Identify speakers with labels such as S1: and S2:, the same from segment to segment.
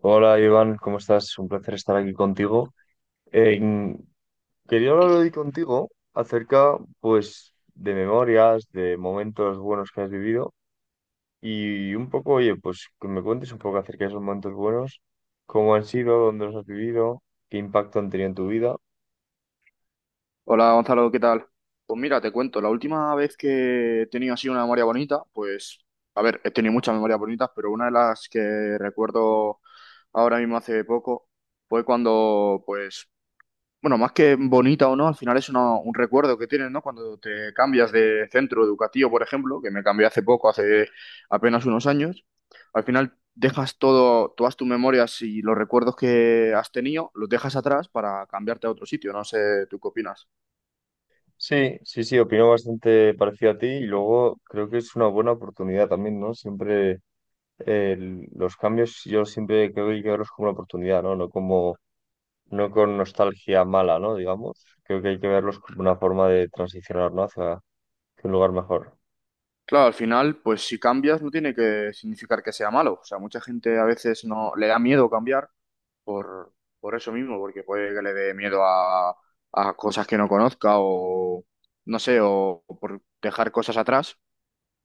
S1: Hola Iván, ¿cómo estás? Un placer estar aquí contigo. Eh, Quería hablar hoy contigo acerca, pues, de memorias, de momentos buenos que has vivido y un poco, oye, pues, que me cuentes un poco acerca de esos momentos buenos, cómo han sido, dónde los has vivido, qué impacto han tenido en tu vida.
S2: Hola Gonzalo, ¿qué tal? Pues mira, te cuento, la última vez que he tenido así una memoria bonita, pues, a ver, he tenido muchas memorias bonitas, pero una de las que recuerdo ahora mismo hace poco fue cuando, pues, bueno, más que bonita o no, al final es un recuerdo que tienes, ¿no? Cuando te cambias de centro educativo, por ejemplo, que me cambié hace poco, hace apenas unos años, al final dejas todo, todas tus memorias y los recuerdos que has tenido, los dejas atrás para cambiarte a otro sitio, no sé, ¿tú qué opinas?
S1: Sí, sí, sí, opino bastante parecido a ti y luego creo que es una buena oportunidad también, ¿no? Siempre eh, los cambios yo siempre creo que hay que verlos como una oportunidad, ¿no? No como no con nostalgia mala, ¿no? Digamos, creo que hay que verlos como una forma de transicionar, ¿no? Hacia un lugar mejor.
S2: Claro, al final, pues si cambias no tiene que significar que sea malo. O sea, mucha gente a veces no le da miedo cambiar por, por eso mismo, porque puede que le dé miedo a cosas que no conozca o no sé, o por dejar cosas atrás.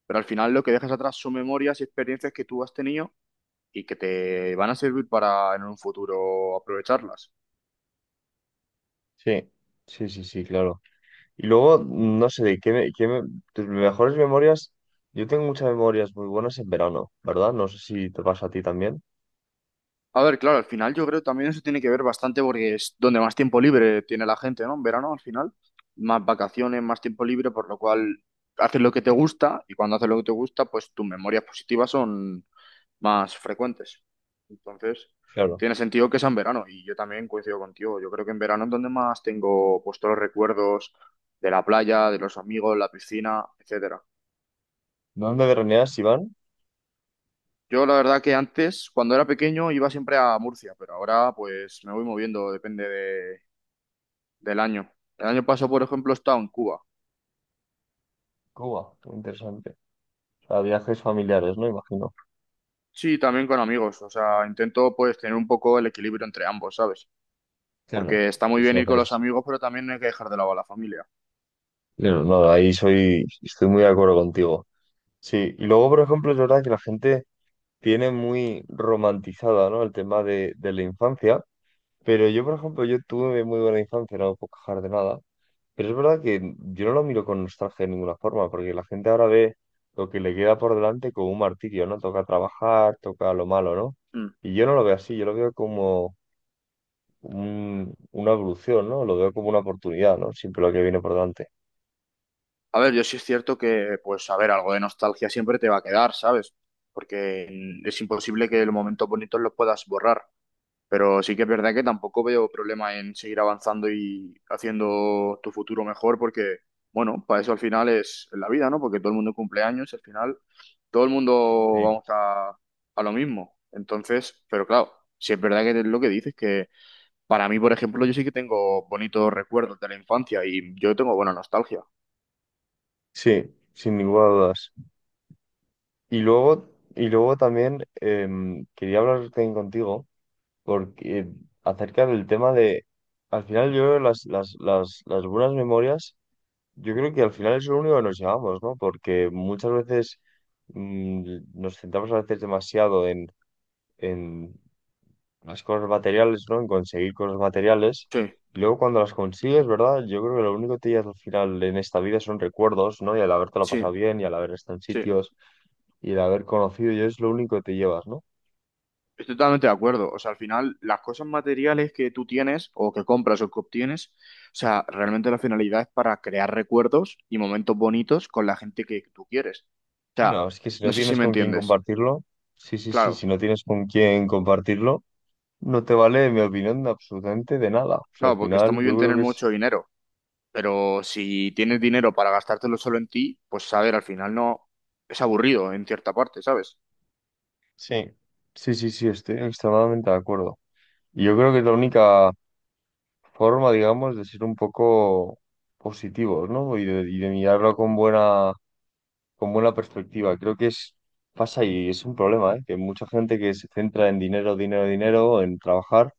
S2: Pero al final lo que dejas atrás son memorias y experiencias que tú has tenido y que te van a servir para en un futuro aprovecharlas.
S1: Sí, sí, sí, sí, claro. Y luego, no sé, de qué me- tus mejores memorias, yo tengo muchas memorias muy buenas en verano, ¿verdad? No sé si te pasa a ti también.
S2: A ver, claro, al final yo creo que también eso tiene que ver bastante porque es donde más tiempo libre tiene la gente, ¿no? En verano, al final, más vacaciones, más tiempo libre, por lo cual haces lo que te gusta y cuando haces lo que te gusta, pues tus memorias positivas son más frecuentes. Entonces,
S1: Claro.
S2: tiene sentido que sea en verano y yo también coincido contigo. Yo creo que en verano es donde más tengo pues todos los recuerdos de la playa, de los amigos, la piscina, etcétera.
S1: ¿Dónde veraneas, Iván?
S2: Yo la verdad que antes, cuando era pequeño, iba siempre a Murcia, pero ahora pues me voy moviendo, depende de del año. El año pasado, por ejemplo, he estado en Cuba.
S1: Cuba, muy interesante. O sea, viajes familiares, ¿no? Imagino.
S2: Sí, también con amigos. O sea, intento pues tener un poco el equilibrio entre ambos, ¿sabes?
S1: Claro.
S2: Porque está
S1: Sí,
S2: muy
S1: sí,
S2: bien ir con los
S1: haces.
S2: amigos, pero también no hay que dejar de lado a la familia.
S1: Claro, no, ahí soy, estoy muy de acuerdo contigo. Sí, y luego, por ejemplo, es verdad que la gente tiene muy romantizada, ¿no? El tema de la infancia. Pero yo, por ejemplo, yo tuve muy buena infancia, no me puedo quejar de nada. Pero es verdad que yo no lo miro con nostalgia de ninguna forma, porque la gente ahora ve lo que le queda por delante como un martirio, ¿no? Toca trabajar, toca lo malo, ¿no?
S2: Mm.
S1: Y yo no lo veo así, yo lo veo como una evolución, ¿no? Lo veo como una oportunidad, ¿no? Siempre lo que viene por delante.
S2: A ver, yo sí es cierto que, pues, a ver, algo de nostalgia siempre te va a quedar, ¿sabes? Porque es imposible que los momentos bonitos los puedas borrar. Pero sí que es verdad que tampoco veo problema en seguir avanzando y haciendo tu futuro mejor porque, bueno, para eso al final es la vida, ¿no? Porque todo el mundo cumple años, al final todo el mundo
S1: Sí.
S2: vamos a lo mismo. Entonces, pero claro, sí es verdad que es lo que dices, que para mí, por ejemplo, yo sí que tengo bonitos recuerdos de la infancia y yo tengo buena nostalgia.
S1: Sí, sin ninguna duda. Y luego, y luego también quería hablar también contigo porque acerca del tema de, al final yo creo que las buenas memorias, yo creo que al final es lo único que nos llevamos, ¿no? Porque muchas veces mm, nos centramos a veces demasiado en las cosas materiales, ¿no? En conseguir cosas materiales.
S2: Sí,
S1: Y luego cuando las consigues, ¿verdad? Yo creo que lo único que te llevas al final en esta vida son recuerdos, ¿no? Y al habértelo
S2: sí,
S1: pasado bien, y al haber estado en
S2: sí.
S1: sitios, y al haber conocido, yo es lo único que te llevas, ¿no?
S2: Estoy totalmente de acuerdo. O sea, al final, las cosas materiales que tú tienes o que compras o que obtienes, o sea, realmente la finalidad es para crear recuerdos y momentos bonitos con la gente que tú quieres. O sea,
S1: Claro, es que si
S2: no
S1: no
S2: sé si
S1: tienes
S2: me
S1: con quién
S2: entiendes.
S1: compartirlo, sí, sí, sí,
S2: Claro,
S1: si no tienes con quién compartirlo, no te vale, en mi opinión, de absolutamente de nada. O sea, al
S2: claro, porque está
S1: final
S2: muy
S1: yo
S2: bien
S1: creo
S2: tener
S1: que es...
S2: mucho dinero, pero si tienes dinero para gastártelo solo en ti, pues a ver, al final no es aburrido en cierta parte, ¿sabes?
S1: Sí, sí, sí, sí, estoy extremadamente de acuerdo. Y yo creo que es la única forma, digamos, de ser un poco positivos, ¿no? Y y de mirarlo con buena perspectiva. Creo que es, pasa y es un problema, ¿eh? Que mucha gente que se centra en dinero, dinero, dinero, en trabajar,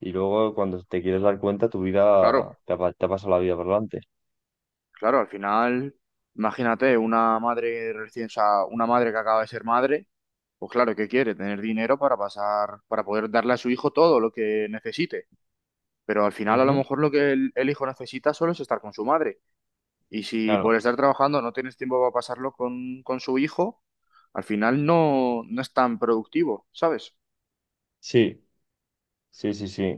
S1: y luego cuando te quieres dar cuenta, tu
S2: Claro.
S1: vida te ha pasado la vida por delante.
S2: Claro, al final, imagínate, una madre recién, o sea, una madre que acaba de ser madre, pues claro, ¿qué quiere? Tener dinero para pasar, para poder darle a su hijo todo lo que necesite. Pero al final, a lo
S1: Ujú.
S2: mejor lo que el hijo necesita solo es estar con su madre. Y si
S1: Claro.
S2: por estar trabajando no tienes tiempo para pasarlo con su hijo, al final no es tan productivo, ¿sabes?
S1: Sí, sí, sí, sí.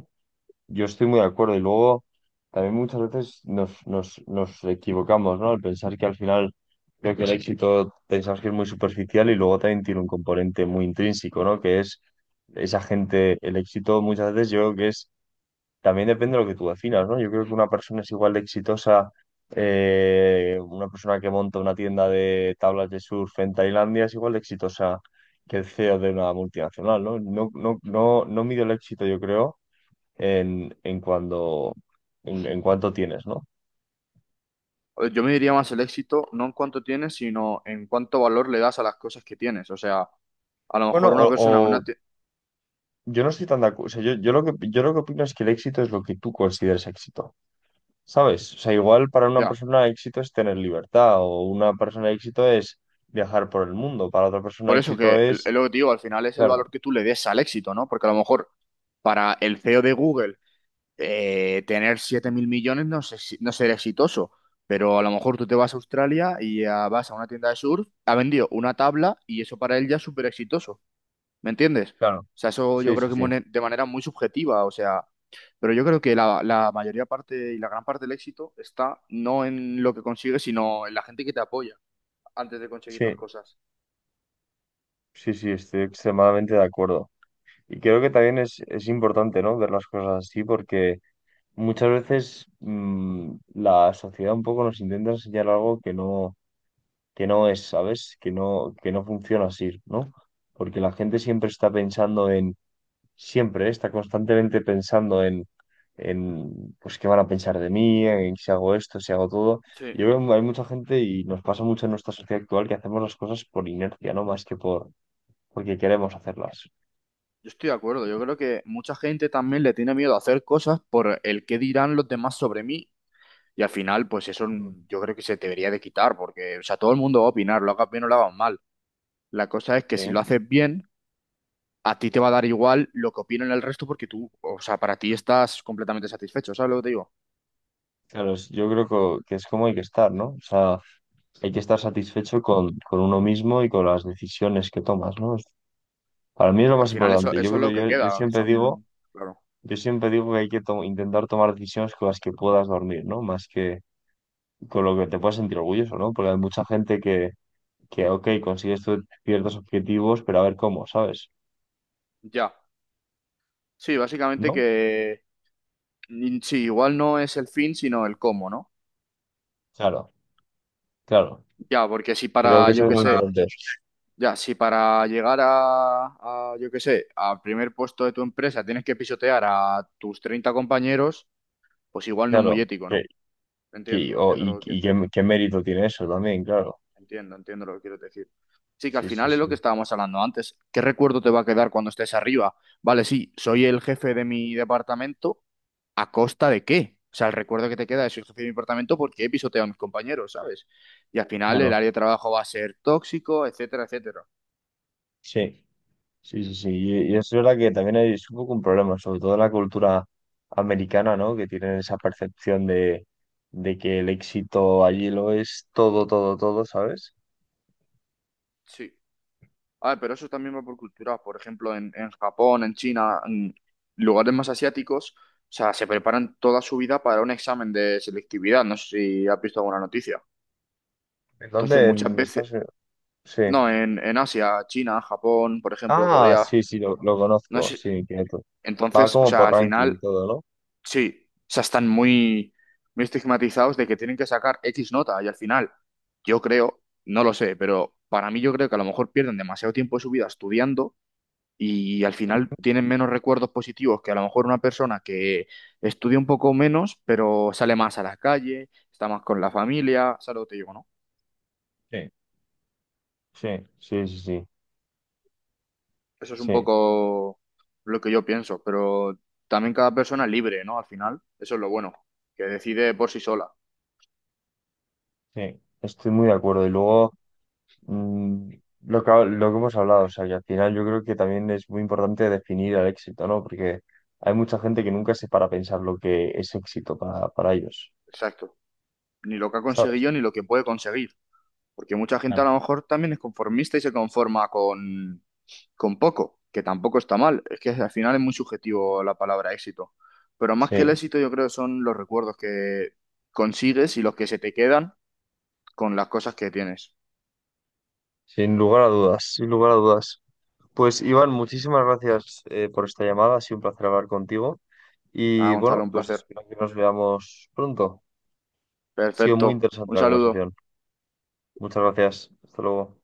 S1: Yo estoy muy de acuerdo. Y luego también muchas veces nos equivocamos, ¿no? Al pensar que al final creo que el éxito pensamos que es muy superficial y luego también tiene un componente muy intrínseco, ¿no? Que es esa gente, el éxito muchas veces yo creo que es. También depende de lo que tú definas, ¿no? Yo creo que una persona es igual de exitosa, una persona que monta una tienda de tablas de surf en Tailandia es igual de exitosa que el CEO de una multinacional, ¿no? No, no, no, no mido el éxito, yo creo, en, en cuando, en cuánto tienes, ¿no?
S2: Yo me diría más el éxito, no en cuánto tienes, sino en cuánto valor le das a las cosas que tienes. O sea, a lo
S1: Bueno,
S2: mejor una persona,
S1: o yo no estoy tan de acuerdo. Yo lo que opino es que el éxito es lo que tú consideres éxito. ¿Sabes? O sea, igual para una
S2: Ya.
S1: persona éxito es tener libertad, o una persona éxito es viajar por el mundo, para otra persona
S2: Por eso
S1: éxito
S2: que el-
S1: es...
S2: Lo que te digo, al final es el
S1: Claro,
S2: valor que tú le des al éxito, ¿no? Porque a lo mejor para el CEO de Google tener 7.000.000.000 no sé no ser exitoso, pero a lo mejor tú te vas a Australia y vas a una tienda de surf, ha vendido una tabla y eso para él ya es súper exitoso, ¿me entiendes?
S1: claro.
S2: O sea, eso yo
S1: Sí, sí,
S2: creo que
S1: sí.
S2: de manera muy subjetiva, o sea, pero yo creo que la mayoría parte y la gran parte del éxito está no en lo que consigues, sino en la gente que te apoya antes de conseguir las
S1: Sí,
S2: cosas.
S1: sí, sí, estoy extremadamente de acuerdo. Y creo que también es importante, ¿no? Ver las cosas así, porque muchas veces la sociedad un poco nos intenta enseñar algo que no es, ¿sabes? Que no funciona así, ¿no? Porque la gente siempre está pensando en siempre, ¿eh? Está constantemente pensando en, pues, qué van a pensar de mí, en si hago esto, si hago todo.
S2: Sí.
S1: Yo creo que hay mucha gente y nos pasa mucho en nuestra sociedad actual que hacemos las cosas por inercia, no más que porque queremos hacerlas.
S2: Yo estoy de acuerdo, yo creo que mucha gente también le tiene miedo a hacer cosas por el qué dirán los demás sobre mí y al final pues eso
S1: Mm.
S2: yo creo que se debería de quitar porque o sea, todo el mundo va a opinar, lo hagas bien o lo hagas mal. La cosa es que
S1: ¿Sí?
S2: si lo haces bien, a ti te va a dar igual lo que opinen el resto porque tú, o sea, para ti estás completamente satisfecho, ¿sabes lo que te digo?
S1: Claro, es- yo creo que es como hay que estar, ¿no? O sea, hay que estar satisfecho con uno mismo y con las decisiones que tomas, ¿no? Es- Para mí es lo
S2: Que al
S1: más
S2: final eso,
S1: importante.
S2: eso
S1: Yo
S2: es
S1: creo,
S2: lo que queda, que son, claro,
S1: yo siempre digo que hay que intentar tomar decisiones con las que puedas dormir, ¿no? Más que con lo que te puedas sentir orgulloso, ¿no? Porque hay mucha que ok, consigues ciertos objetivos, pero a ver cómo, ¿sabes?
S2: ya. Sí, básicamente
S1: ¿No?
S2: que sí, igual no es el fin, sino el cómo, ¿no?
S1: Claro, claro.
S2: Ya, porque si
S1: Creo
S2: para,
S1: que eso
S2: yo
S1: es
S2: qué
S1: muy Ojalá.
S2: sé.
S1: Importante.
S2: Ya, si para llegar a, yo qué sé, al primer puesto de tu empresa tienes que pisotear a tus 30 compañeros, pues igual no es
S1: Claro.
S2: muy ético,
S1: Que,
S2: ¿no? Entiendo, entiendo lo que
S1: y
S2: quieres
S1: qué,
S2: decir.
S1: qué mérito tiene eso también, claro.
S2: Entiendo, entiendo lo que quieres decir. Sí, que al
S1: Sí, sí,
S2: final es lo que
S1: sí.
S2: estábamos hablando antes. ¿Qué recuerdo te va a quedar cuando estés arriba? Vale, sí, soy el jefe de mi departamento, ¿a costa de qué? O sea, el recuerdo que te queda es soy el jefe de mi departamento porque he pisoteado a mis compañeros, ¿sabes? Y al final el
S1: Claro.
S2: área de trabajo va a ser tóxico, etcétera, etcétera.
S1: Sí, sí, sí, sí. Y es verdad que también hay- es un poco un problema, sobre todo en la cultura americana, ¿no? Que tienen esa percepción de que el éxito allí lo es todo, todo, todo, ¿sabes?
S2: Sí. Ah, pero eso también va por cultura. Por ejemplo, en Japón, en China, en lugares más asiáticos, o sea, se preparan toda su vida para un examen de selectividad. No sé si has visto alguna noticia.
S1: ¿En
S2: Entonces,
S1: dónde?
S2: muchas
S1: En Estados
S2: veces,
S1: Unidos. Sí.
S2: no, en Asia, China, Japón, por ejemplo,
S1: Ah,
S2: Corea,
S1: sí, sí, lo
S2: no
S1: conozco,
S2: sé.
S1: sí, quieto. Va
S2: Entonces, o
S1: como
S2: sea,
S1: por
S2: al
S1: ranking y
S2: final,
S1: todo, ¿no?
S2: sí, o sea, están muy, muy estigmatizados de que tienen que sacar X nota y al final, yo creo, no lo sé, pero para mí yo creo que a lo mejor pierden demasiado tiempo de su vida estudiando y al final tienen menos recuerdos positivos que a lo mejor una persona que estudia un poco menos, pero sale más a la calle, está más con la familia, ¿sabes lo que te digo, no?
S1: Sí, sí, sí, sí, sí,
S2: Eso es un
S1: sí,
S2: poco lo que yo pienso, pero también cada persona es libre, ¿no? Al final, eso es lo bueno, que decide por sí sola.
S1: sí. Estoy muy de acuerdo. Y luego, mm, lo que, lo que hemos hablado, o sea, que al final yo creo que también es muy importante definir el éxito, ¿no? Porque hay mucha gente que nunca se para a pensar lo que es éxito para ellos,
S2: Exacto. Ni lo que ha
S1: ¿sabes?
S2: conseguido ni lo que puede conseguir. Porque mucha gente a
S1: Claro.
S2: lo mejor también es conformista y se conforma con poco, que tampoco está mal. Es que al final es muy subjetivo la palabra éxito. Pero más que el
S1: Sí,
S2: éxito, yo creo que son los recuerdos que consigues y los que se te quedan con las cosas que tienes.
S1: sin lugar a dudas, sin lugar a dudas. Pues Iván, muchísimas gracias por esta llamada, ha sido un placer hablar contigo.
S2: Ah,
S1: Y
S2: Gonzalo,
S1: bueno,
S2: un
S1: pues
S2: placer.
S1: espero que nos veamos pronto. Ha sido muy
S2: Perfecto.
S1: interesante
S2: Un
S1: la
S2: saludo.
S1: conversación. Muchas gracias. Hasta luego.